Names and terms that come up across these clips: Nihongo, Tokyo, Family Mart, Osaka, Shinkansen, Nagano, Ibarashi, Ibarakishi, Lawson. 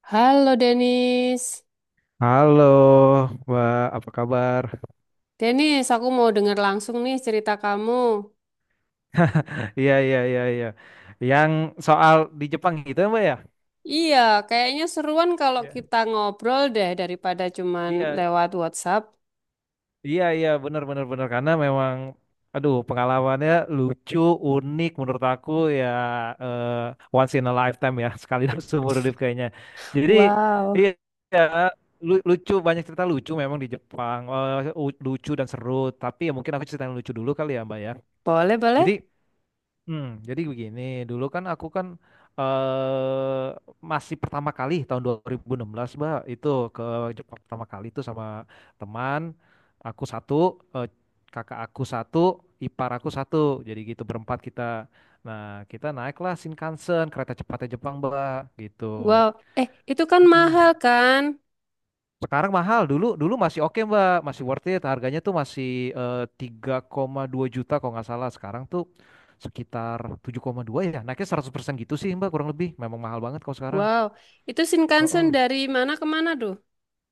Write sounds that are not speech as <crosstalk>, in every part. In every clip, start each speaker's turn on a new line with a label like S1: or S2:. S1: Halo Denis.
S2: Halo, Mbak, apa kabar?
S1: Denis, aku mau dengar langsung nih cerita kamu.
S2: Iya, iya, iya, iya. Yang soal di Jepang gitu, ya, Mbak ya?
S1: Iya, kayaknya seruan kalau
S2: Iya.
S1: kita ngobrol deh daripada cuman
S2: Iya,
S1: lewat WhatsApp.
S2: iya, iya, benar, benar, benar. Karena memang, aduh, pengalamannya lucu, unik menurut aku ya, once in a lifetime ya, <laughs> sekali dalam seumur hidup kayaknya. Jadi,
S1: Wow,
S2: iya, iya, lucu, banyak cerita lucu memang di Jepang. Lucu dan seru. Tapi ya mungkin aku cerita yang lucu dulu kali ya, Mbak ya.
S1: boleh boleh.
S2: Jadi, jadi begini, dulu kan aku kan eh masih pertama kali tahun 2016, Mbak, itu ke Jepang pertama kali itu sama teman aku satu, eh, kakak aku satu, ipar aku satu. Jadi gitu berempat kita. Nah, kita naiklah Shinkansen, kereta cepatnya Jepang, Mbak, gitu.
S1: Wow, itu kan mahal
S2: Mm-mm.
S1: kan?
S2: Sekarang mahal, dulu dulu masih oke Mbak, masih worth it. Harganya tuh masih 3,2 juta kalau nggak salah. Sekarang tuh sekitar 7,2 ya. Naiknya 100% gitu sih Mbak kurang lebih. Memang mahal banget kalau sekarang.
S1: Wow, itu Shinkansen
S2: Heeh.
S1: dari mana ke mana tuh?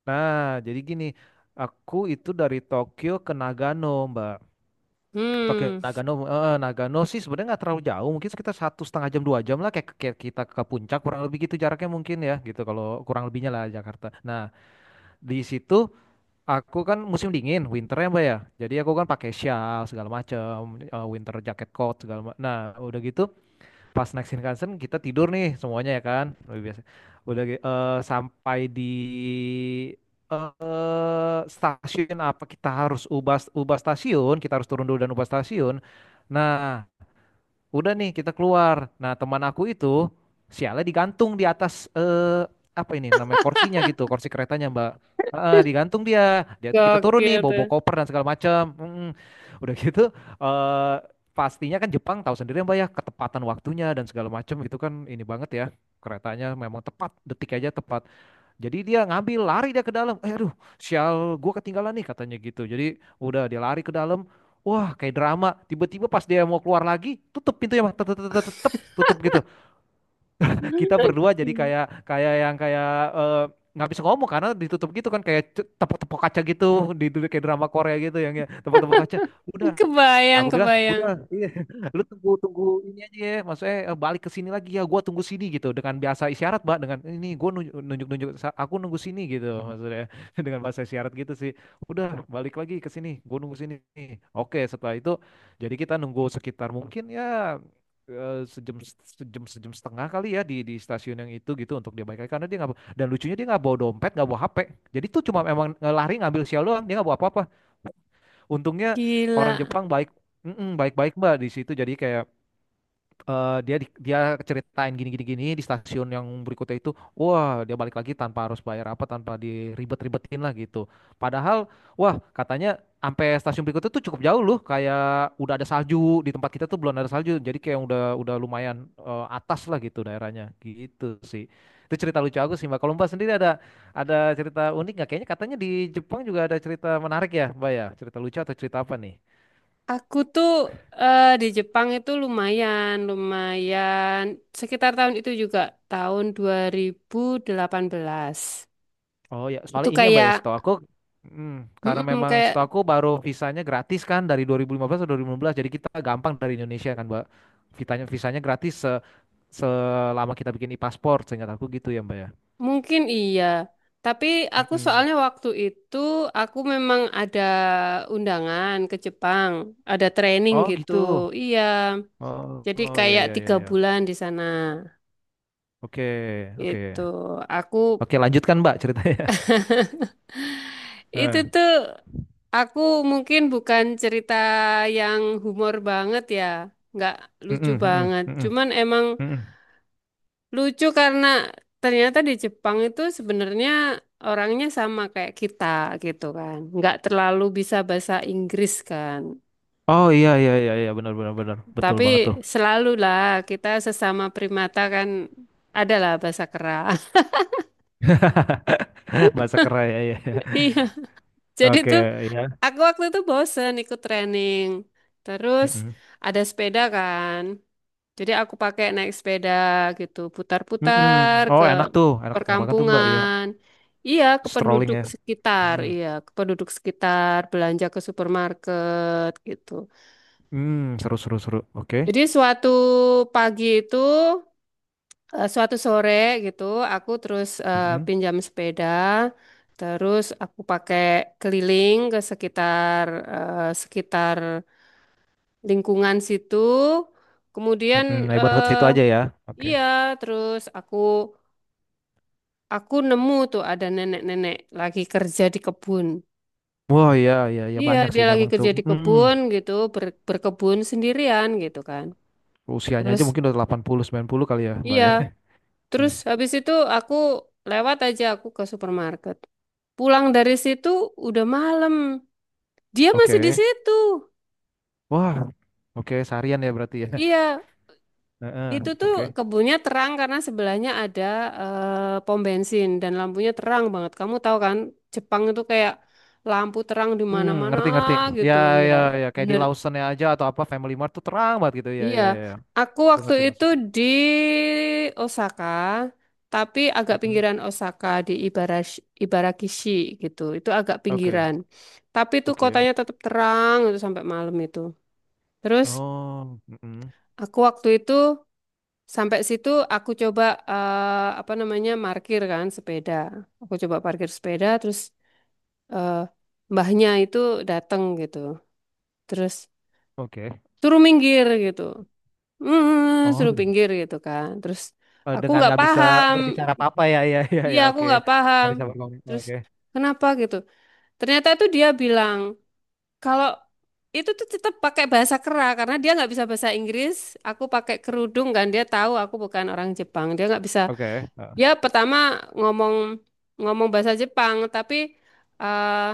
S2: Nah, jadi gini, aku itu dari Tokyo ke Nagano Mbak. Tokyo
S1: Hmm,
S2: Nagano, Nagano sih sebenarnya nggak terlalu jauh. Mungkin sekitar 1,5 jam 2 jam lah, kayak kita ke puncak kurang lebih gitu jaraknya, mungkin ya gitu kalau kurang lebihnya lah Jakarta. Nah, di situ. Aku kan musim dingin, winter ya Mbak ya. Jadi aku kan pakai shawl segala macam, winter jacket coat segala macam. Nah, udah gitu pas naik Shinkansen kita tidur nih semuanya ya kan. Lebih biasa. Sampai di stasiun apa, kita harus ubah ubah stasiun, kita harus turun dulu dan ubah stasiun. Nah, udah nih kita keluar. Nah, teman aku itu sialnya digantung di atas, apa ini namanya, kursinya gitu, kursi keretanya Mbak. Heeh, digantung dia. Dia kita turun
S1: gokil
S2: nih,
S1: tuh.
S2: bawa koper dan segala macam. Mm-mm. Udah gitu eh pastinya kan Jepang tahu sendiri Mbak ya, ketepatan waktunya dan segala macam itu kan ini banget ya. Keretanya memang tepat, detik aja tepat. Jadi dia ngambil lari dia ke dalam. Aduh, sial, gua ketinggalan nih katanya gitu. Jadi udah dia lari ke dalam. Wah, kayak drama. Tiba-tiba pas dia mau keluar lagi, tutup pintunya, Bang. Tetep, tetep, tet, Tutup gitu. Kita
S1: <laughs>
S2: berdua jadi kayak kayak yang kayak, eh, nggak bisa ngomong karena ditutup gitu kan, kayak tepok-tepok kaca gitu, kayak drama Korea gitu yang ya, tepok-tepok kaca. Udah
S1: Kebayang,
S2: aku bilang,
S1: kebayang.
S2: udah, iya, <laughs> lu tunggu tunggu ini aja ya, maksudnya balik ke sini lagi ya, gua tunggu sini gitu dengan bahasa isyarat, Mbak, dengan ini gua nunjuk nunjuk, aku nunggu sini gitu maksudnya, <laughs> dengan bahasa isyarat gitu sih. Udah, balik lagi ke sini, gua nunggu sini. Oke, setelah itu jadi kita nunggu sekitar mungkin ya, sejam sejam sejam setengah kali ya di stasiun yang itu gitu untuk dia balik lagi, karena dia nggak, dan lucunya dia nggak bawa dompet, nggak bawa HP, jadi tuh cuma emang lari ngambil sial doang, dia nggak bawa apa-apa. Untungnya orang
S1: Gila.
S2: Jepang baik. Mm-mm, baik-baik Mbak di situ. Jadi kayak, dia dia ceritain gini gini gini, di stasiun yang berikutnya itu wah dia balik lagi tanpa harus bayar apa, tanpa diribet-ribetin lah gitu. Padahal wah katanya sampai stasiun berikutnya tuh cukup jauh loh, kayak udah ada salju. Di tempat kita tuh belum ada salju, jadi kayak udah lumayan, atas lah gitu daerahnya gitu sih. Itu cerita lucu aku sih Mbak. Kalau Mbak sendiri ada cerita unik nggak? Kayaknya katanya di Jepang juga ada cerita menarik ya Mbak ya, cerita lucu atau cerita apa nih?
S1: Aku tuh di Jepang itu lumayan, lumayan sekitar tahun itu juga tahun 2018.
S2: Oh ya,
S1: Itu
S2: soalnya ini ya Mbak
S1: kayak
S2: ya, setahu aku, hmm, karena
S1: mm-mm,
S2: memang
S1: kayak
S2: setahu aku baru visanya gratis kan dari 2015 atau 2016. Jadi kita gampang dari Indonesia kan Mbak. Visanya gratis selama kita bikin e-paspor, seingat aku gitu ya Mbak ya.
S1: mungkin iya. Tapi aku
S2: Mm-mm.
S1: soalnya waktu itu aku memang ada undangan ke Jepang, ada training
S2: Oh
S1: gitu.
S2: gitu.
S1: Iya.
S2: Oh,
S1: Jadi
S2: oh ya
S1: kayak
S2: ya ya
S1: tiga
S2: ya.
S1: bulan di sana.
S2: Oke, oke.
S1: Gitu. Aku
S2: Oke, lanjutkan Mbak ceritanya.
S1: Itu
S2: <laughs> Eh,
S1: tuh aku mungkin bukan cerita yang humor banget ya, nggak lucu
S2: mm-mm, mm-mm,
S1: banget.
S2: mm-mm,
S1: Cuman emang
S2: mm-mm.
S1: lucu karena ternyata di Jepang itu sebenarnya orangnya sama kayak kita gitu kan. Nggak terlalu bisa bahasa Inggris kan.
S2: Oh iya iya iya iya, benar benar benar. Betul
S1: Tapi
S2: banget tuh.
S1: selalulah kita sesama primata kan adalah bahasa kera. <laughs>
S2: <laughs> Bahasa keren ya ya.
S1: Iya, jadi
S2: Oke,
S1: tuh aku waktu itu bosen ikut training. Terus
S2: ya.
S1: ada sepeda kan. Jadi aku pakai naik sepeda gitu,
S2: Mm-mm.
S1: putar-putar
S2: Oh
S1: ke
S2: enak tuh, enak enak banget tuh Mbak ya,
S1: perkampungan. Iya, ke
S2: strolling
S1: penduduk
S2: ya.
S1: sekitar,
S2: Mm.
S1: iya, ke penduduk sekitar, belanja ke supermarket gitu.
S2: Mm, seru seru seru. Oke.
S1: Jadi suatu pagi itu, eh, suatu sore gitu, aku terus
S2: Mm-mm.
S1: pinjam sepeda, terus aku pakai keliling ke sekitar lingkungan situ. Kemudian
S2: Mm-mm, neighborhood
S1: eh,
S2: situ aja ya. Oke.
S1: iya, terus aku nemu tuh ada nenek-nenek lagi kerja di kebun.
S2: Wah iya iya iya,
S1: Iya,
S2: banyak
S1: dia
S2: sih
S1: lagi
S2: memang tuh.
S1: kerja di
S2: Mm-mm.
S1: kebun gitu, berkebun sendirian gitu kan.
S2: Usianya aja
S1: Terus,
S2: mungkin udah 80 90 kali ya Mbak
S1: iya,
S2: ya. <laughs> Iya.
S1: terus habis itu aku lewat aja aku ke supermarket. Pulang dari situ udah malam. Dia masih di
S2: Oke.
S1: situ.
S2: Wah. Oke, seharian ya berarti ya.
S1: Iya,
S2: Heeh,
S1: itu tuh
S2: oke.
S1: kebunnya terang karena sebelahnya ada pom bensin dan lampunya terang banget. Kamu tahu kan, Jepang itu kayak lampu terang di
S2: Hmm,
S1: mana-mana
S2: ngerti ngerti. Ya
S1: gitu, ya.
S2: ya ya, kayak di
S1: Bener.
S2: Lawson ya aja atau apa Family Mart tuh terang banget gitu. Ya
S1: Iya,
S2: ya ya.
S1: aku
S2: Gue
S1: waktu
S2: ngerti
S1: itu
S2: maksudnya.
S1: di Osaka, tapi agak
S2: Mm-mm.
S1: pinggiran Osaka di Ibarashi, Ibarakishi gitu. Itu agak
S2: Oke.
S1: pinggiran. Tapi itu
S2: Oke.
S1: kotanya tetap terang itu sampai malam itu. Terus
S2: Oh, mm-mm.
S1: aku waktu itu sampai situ aku coba apa namanya parkir kan sepeda. Aku coba parkir sepeda terus eh, mbahnya itu datang gitu. Terus
S2: Oke.
S1: suruh minggir gitu. Suruh
S2: Oh,
S1: pinggir gitu kan. Terus aku
S2: dengan
S1: nggak
S2: nggak bisa
S1: paham.
S2: berbicara apa-apa ya, ya, ya,
S1: Iya,
S2: ya,
S1: aku
S2: oke,
S1: nggak paham.
S2: nggak bisa berkomunikasi,
S1: Terus
S2: oke,
S1: kenapa gitu? Ternyata tuh dia bilang kalau itu tuh tetap pakai bahasa kera karena dia nggak bisa bahasa Inggris. Aku pakai kerudung kan dia tahu aku bukan orang Jepang. Dia nggak bisa.
S2: oke. Eh,
S1: Ya pertama ngomong ngomong bahasa Jepang tapi eh,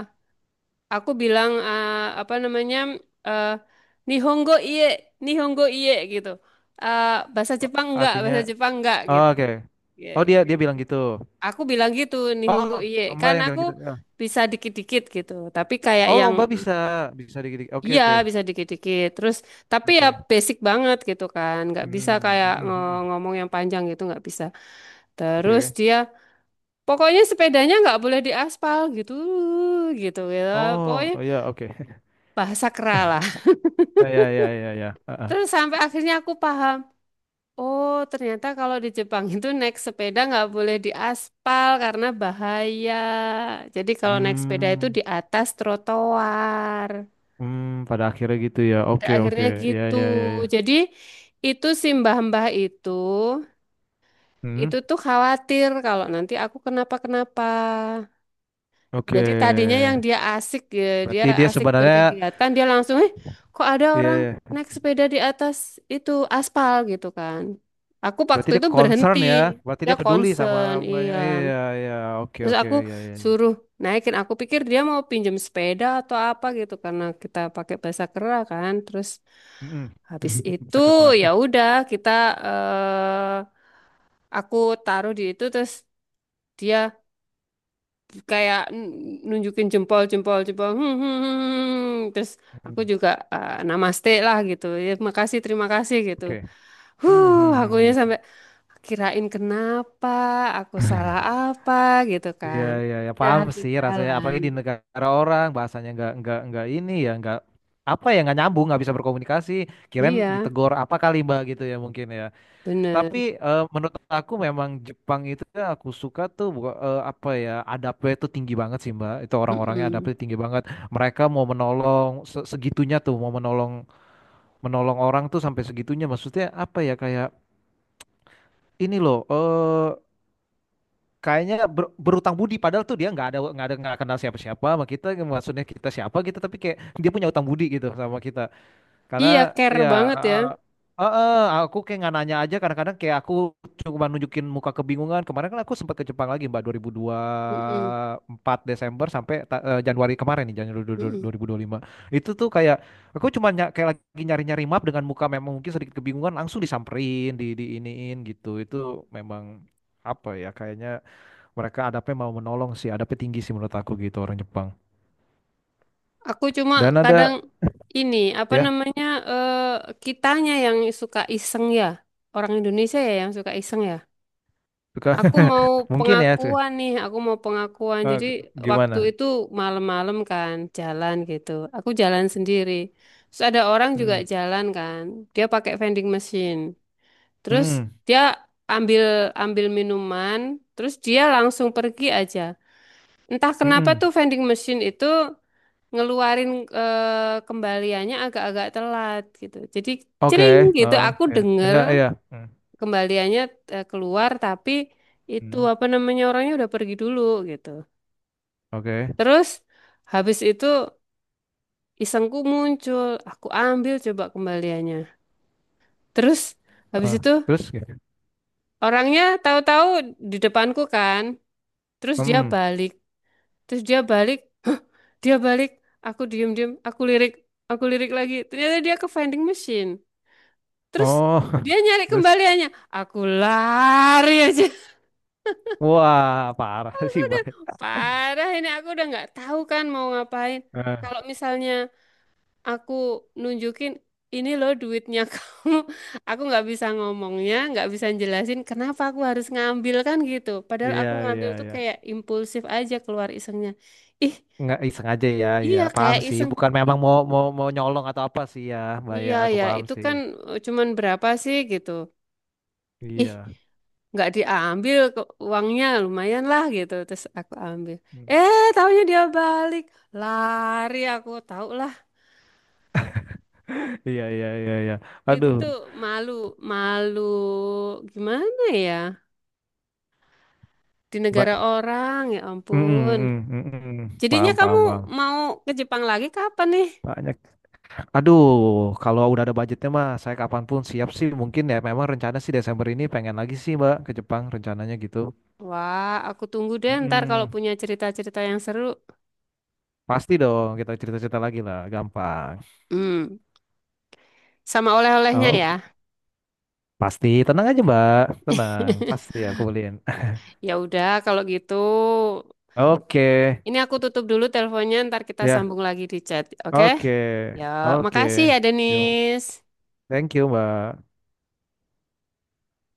S1: aku bilang apa namanya, eh, Nihongo iye, Nihongo iye gitu. Bahasa Jepang enggak,
S2: Artinya,
S1: bahasa Jepang enggak
S2: oh,
S1: gitu.
S2: oke,
S1: Ya,
S2: oh dia
S1: ya,
S2: dia
S1: ya.
S2: bilang gitu,
S1: Aku bilang gitu Nihongo iye,
S2: oh Mbak
S1: kan
S2: yang bilang
S1: aku
S2: gitu, ya.
S1: bisa dikit-dikit gitu. Tapi kayak
S2: Oh
S1: yang
S2: Mbak bisa bisa dikit, oke,
S1: iya
S2: oke,
S1: bisa dikit-dikit. Terus tapi ya
S2: oke.
S1: basic banget gitu kan, nggak bisa
S2: Hmm, mm,
S1: kayak
S2: mm, mm,
S1: ngomong yang panjang gitu nggak bisa. Terus
S2: oke,
S1: dia pokoknya sepedanya nggak boleh diaspal gitu, gitu gitu ya.
S2: oh,
S1: Pokoknya
S2: oh ya, oke, <laughs>
S1: bahasa kera lah.
S2: eh, ya, ya, ya, ya, eh, eh.
S1: Terus sampai akhirnya aku paham, oh ternyata kalau di Jepang itu naik sepeda nggak boleh di aspal karena bahaya. Jadi kalau naik sepeda itu
S2: Hmm,
S1: di atas trotoar.
S2: hmm, pada akhirnya gitu ya,
S1: Pada
S2: oke, oke,
S1: akhirnya
S2: ya,
S1: gitu.
S2: ya, ya, ya,
S1: Jadi itu si mbah-mbah
S2: hmm,
S1: itu tuh khawatir kalau nanti aku kenapa-kenapa.
S2: oke,
S1: Jadi tadinya yang dia asik ya, dia
S2: berarti dia
S1: asik
S2: sebenarnya,
S1: berkegiatan, dia langsung, eh kok ada
S2: ya,
S1: orang
S2: ya.
S1: naik sepeda di atas itu aspal gitu kan. Aku
S2: Berarti
S1: waktu
S2: dia
S1: itu
S2: concern
S1: berhenti,
S2: ya. Berarti
S1: dia
S2: dia peduli sama
S1: concern, iya.
S2: iya iya oke
S1: Terus
S2: oke
S1: aku
S2: iya iya.
S1: suruh naikin, aku pikir dia mau pinjam sepeda atau apa gitu karena kita pakai bahasa kera kan. Terus
S2: Mm-mm.
S1: habis
S2: <laughs>
S1: itu ya
S2: Sakra.
S1: udah kita eh aku taruh di itu terus dia kayak nunjukin jempol jempol jempol, hmm, hmm, hmm, hmm, hmm, hmm. Terus aku
S2: Mm.
S1: juga namaste lah gitu ya makasih terima kasih gitu.
S2: Oke. Hmm,
S1: Huh,
S2: hmm,
S1: akunya
S2: hmm, hmm.
S1: sampai kirain kenapa, aku salah apa gitu
S2: Iya
S1: kan.
S2: iya ya,
S1: Ya,
S2: paham
S1: aku
S2: sih rasanya,
S1: jalan.
S2: apalagi di negara orang, bahasanya nggak ini ya, nggak apa ya, nggak nyambung, nggak bisa berkomunikasi, kirain
S1: Iya
S2: ditegor apa kali Mbak gitu ya mungkin ya.
S1: bener.
S2: Tapi menurut aku memang Jepang itu yang aku suka tuh, apa ya, adabnya itu tinggi banget sih Mbak. Itu orang-orangnya
S1: Mm-mm.
S2: adabnya tinggi banget. Mereka mau menolong, segitunya tuh mau menolong, menolong orang tuh sampai segitunya. Maksudnya apa ya kayak ini loh kayaknya berutang budi, padahal tuh dia nggak ada, nggak ada, nggak kenal siapa-siapa sama kita. Maksudnya kita siapa gitu, tapi kayak dia punya utang budi gitu sama kita. Karena
S1: Iya care
S2: ya,
S1: banget ya.
S2: heeh. Heeh, aku kayak nggak nanya aja kadang-kadang, kayak aku cuma nunjukin muka kebingungan. Kemarin kan aku sempat ke Jepang lagi Mbak, dua
S1: Mm-mm.
S2: ribu empat Desember sampai Januari kemarin nih, Januari dua dua
S1: Mm-mm.
S2: ribu dua puluh lima. Itu tuh kayak aku cuma kayak lagi nyari-nyari map dengan muka memang mungkin sedikit kebingungan, langsung disamperin, diiniin gitu. Itu memang apa ya kayaknya mereka adabnya mau menolong sih, adabnya tinggi sih menurut aku gitu orang Jepang.
S1: Aku cuma
S2: Dan
S1: kadang
S2: ada
S1: ini apa
S2: ya
S1: namanya eh kitanya yang suka iseng ya, orang Indonesia ya yang suka iseng ya.
S2: suka
S1: Aku
S2: <laughs>
S1: mau
S2: mungkin ya
S1: pengakuan nih, aku mau pengakuan.
S2: eh,
S1: Jadi waktu
S2: gimana?
S1: itu malam-malam kan jalan gitu. Aku jalan sendiri. Terus ada orang juga
S2: Hmm.
S1: jalan kan. Dia pakai vending machine. Terus
S2: Hmm.
S1: dia ambil ambil minuman, terus dia langsung pergi aja. Entah kenapa tuh
S2: Mm-mm.
S1: vending machine itu ngeluarin kembaliannya agak-agak telat gitu. Jadi
S2: Oke.
S1: cering gitu
S2: Heeh.
S1: aku
S2: Ya.
S1: denger
S2: Iya, iya. Hmm.
S1: kembaliannya keluar tapi itu
S2: Hmm.
S1: apa namanya orangnya udah pergi dulu gitu.
S2: Oke.
S1: Terus habis itu isengku muncul, aku ambil coba kembaliannya. Terus habis
S2: Eh,
S1: itu
S2: terus gitu.
S1: orangnya tahu-tahu di depanku kan. Terus dia
S2: Hmm.
S1: balik, terus dia balik, hah, dia balik. Aku diem-diem, aku lirik lagi. Ternyata dia ke vending machine. Terus
S2: Oh,
S1: dia nyari
S2: <laughs> terus
S1: kembaliannya. Aku lari aja.
S2: wah, parah sih,
S1: Udah,
S2: Bang.
S1: parah ini aku udah nggak tahu kan mau ngapain.
S2: Eh,
S1: Kalau misalnya aku nunjukin ini loh duitnya <laughs> kamu, aku nggak bisa ngomongnya, nggak bisa jelasin kenapa aku harus ngambil kan gitu. Padahal
S2: iya,
S1: aku
S2: iya,
S1: ngambil tuh
S2: iya.
S1: kayak impulsif aja keluar isengnya. Ih,
S2: Nggak ih, sengaja ya, ya.
S1: iya
S2: Paham
S1: kayak
S2: sih,
S1: iseng.
S2: bukan
S1: Ih,
S2: memang mau mau mau nyolong atau apa sih ya, Mbak ya.
S1: iya
S2: Aku
S1: ya,
S2: paham
S1: itu
S2: sih.
S1: kan cuman berapa sih gitu. Ih,
S2: Iya.
S1: nggak diambil kok, uangnya lumayan lah gitu terus aku ambil,
S2: Hmm.
S1: taunya dia balik. Lari aku tahu lah.
S2: Iya, iya, iya, iya.
S1: Itu
S2: Aduh,
S1: tuh malu, malu gimana ya di negara
S2: Mbak.
S1: orang, ya
S2: Mm,
S1: ampun.
S2: mm, mm, mm, mm.
S1: Jadinya
S2: Paham,
S1: kamu
S2: paham, paham.
S1: mau ke Jepang lagi kapan nih?
S2: Banyak aduh, kalau udah ada budgetnya mah saya kapanpun siap sih. Mungkin ya memang rencana sih Desember ini pengen lagi sih Mbak ke Jepang rencananya gitu.
S1: Wah, aku tunggu deh ntar kalau
S2: Mm-mm.
S1: punya cerita-cerita yang seru.
S2: Pasti dong, kita cerita-cerita lagi lah, gampang.
S1: hmm Sama oleh-olehnya
S2: Oh,
S1: ya.
S2: pasti. Tenang aja Mbak, tenang. Pasti aku beliin.
S1: <laughs> Ya udah kalau gitu.
S2: <laughs> Oke,
S1: Ini aku tutup dulu teleponnya, ntar kita
S2: ya.
S1: sambung lagi di chat. Oke?
S2: Oke,
S1: Ya,
S2: oke.
S1: makasih ya,
S2: Yo.
S1: Denis.
S2: Thank you Mbak.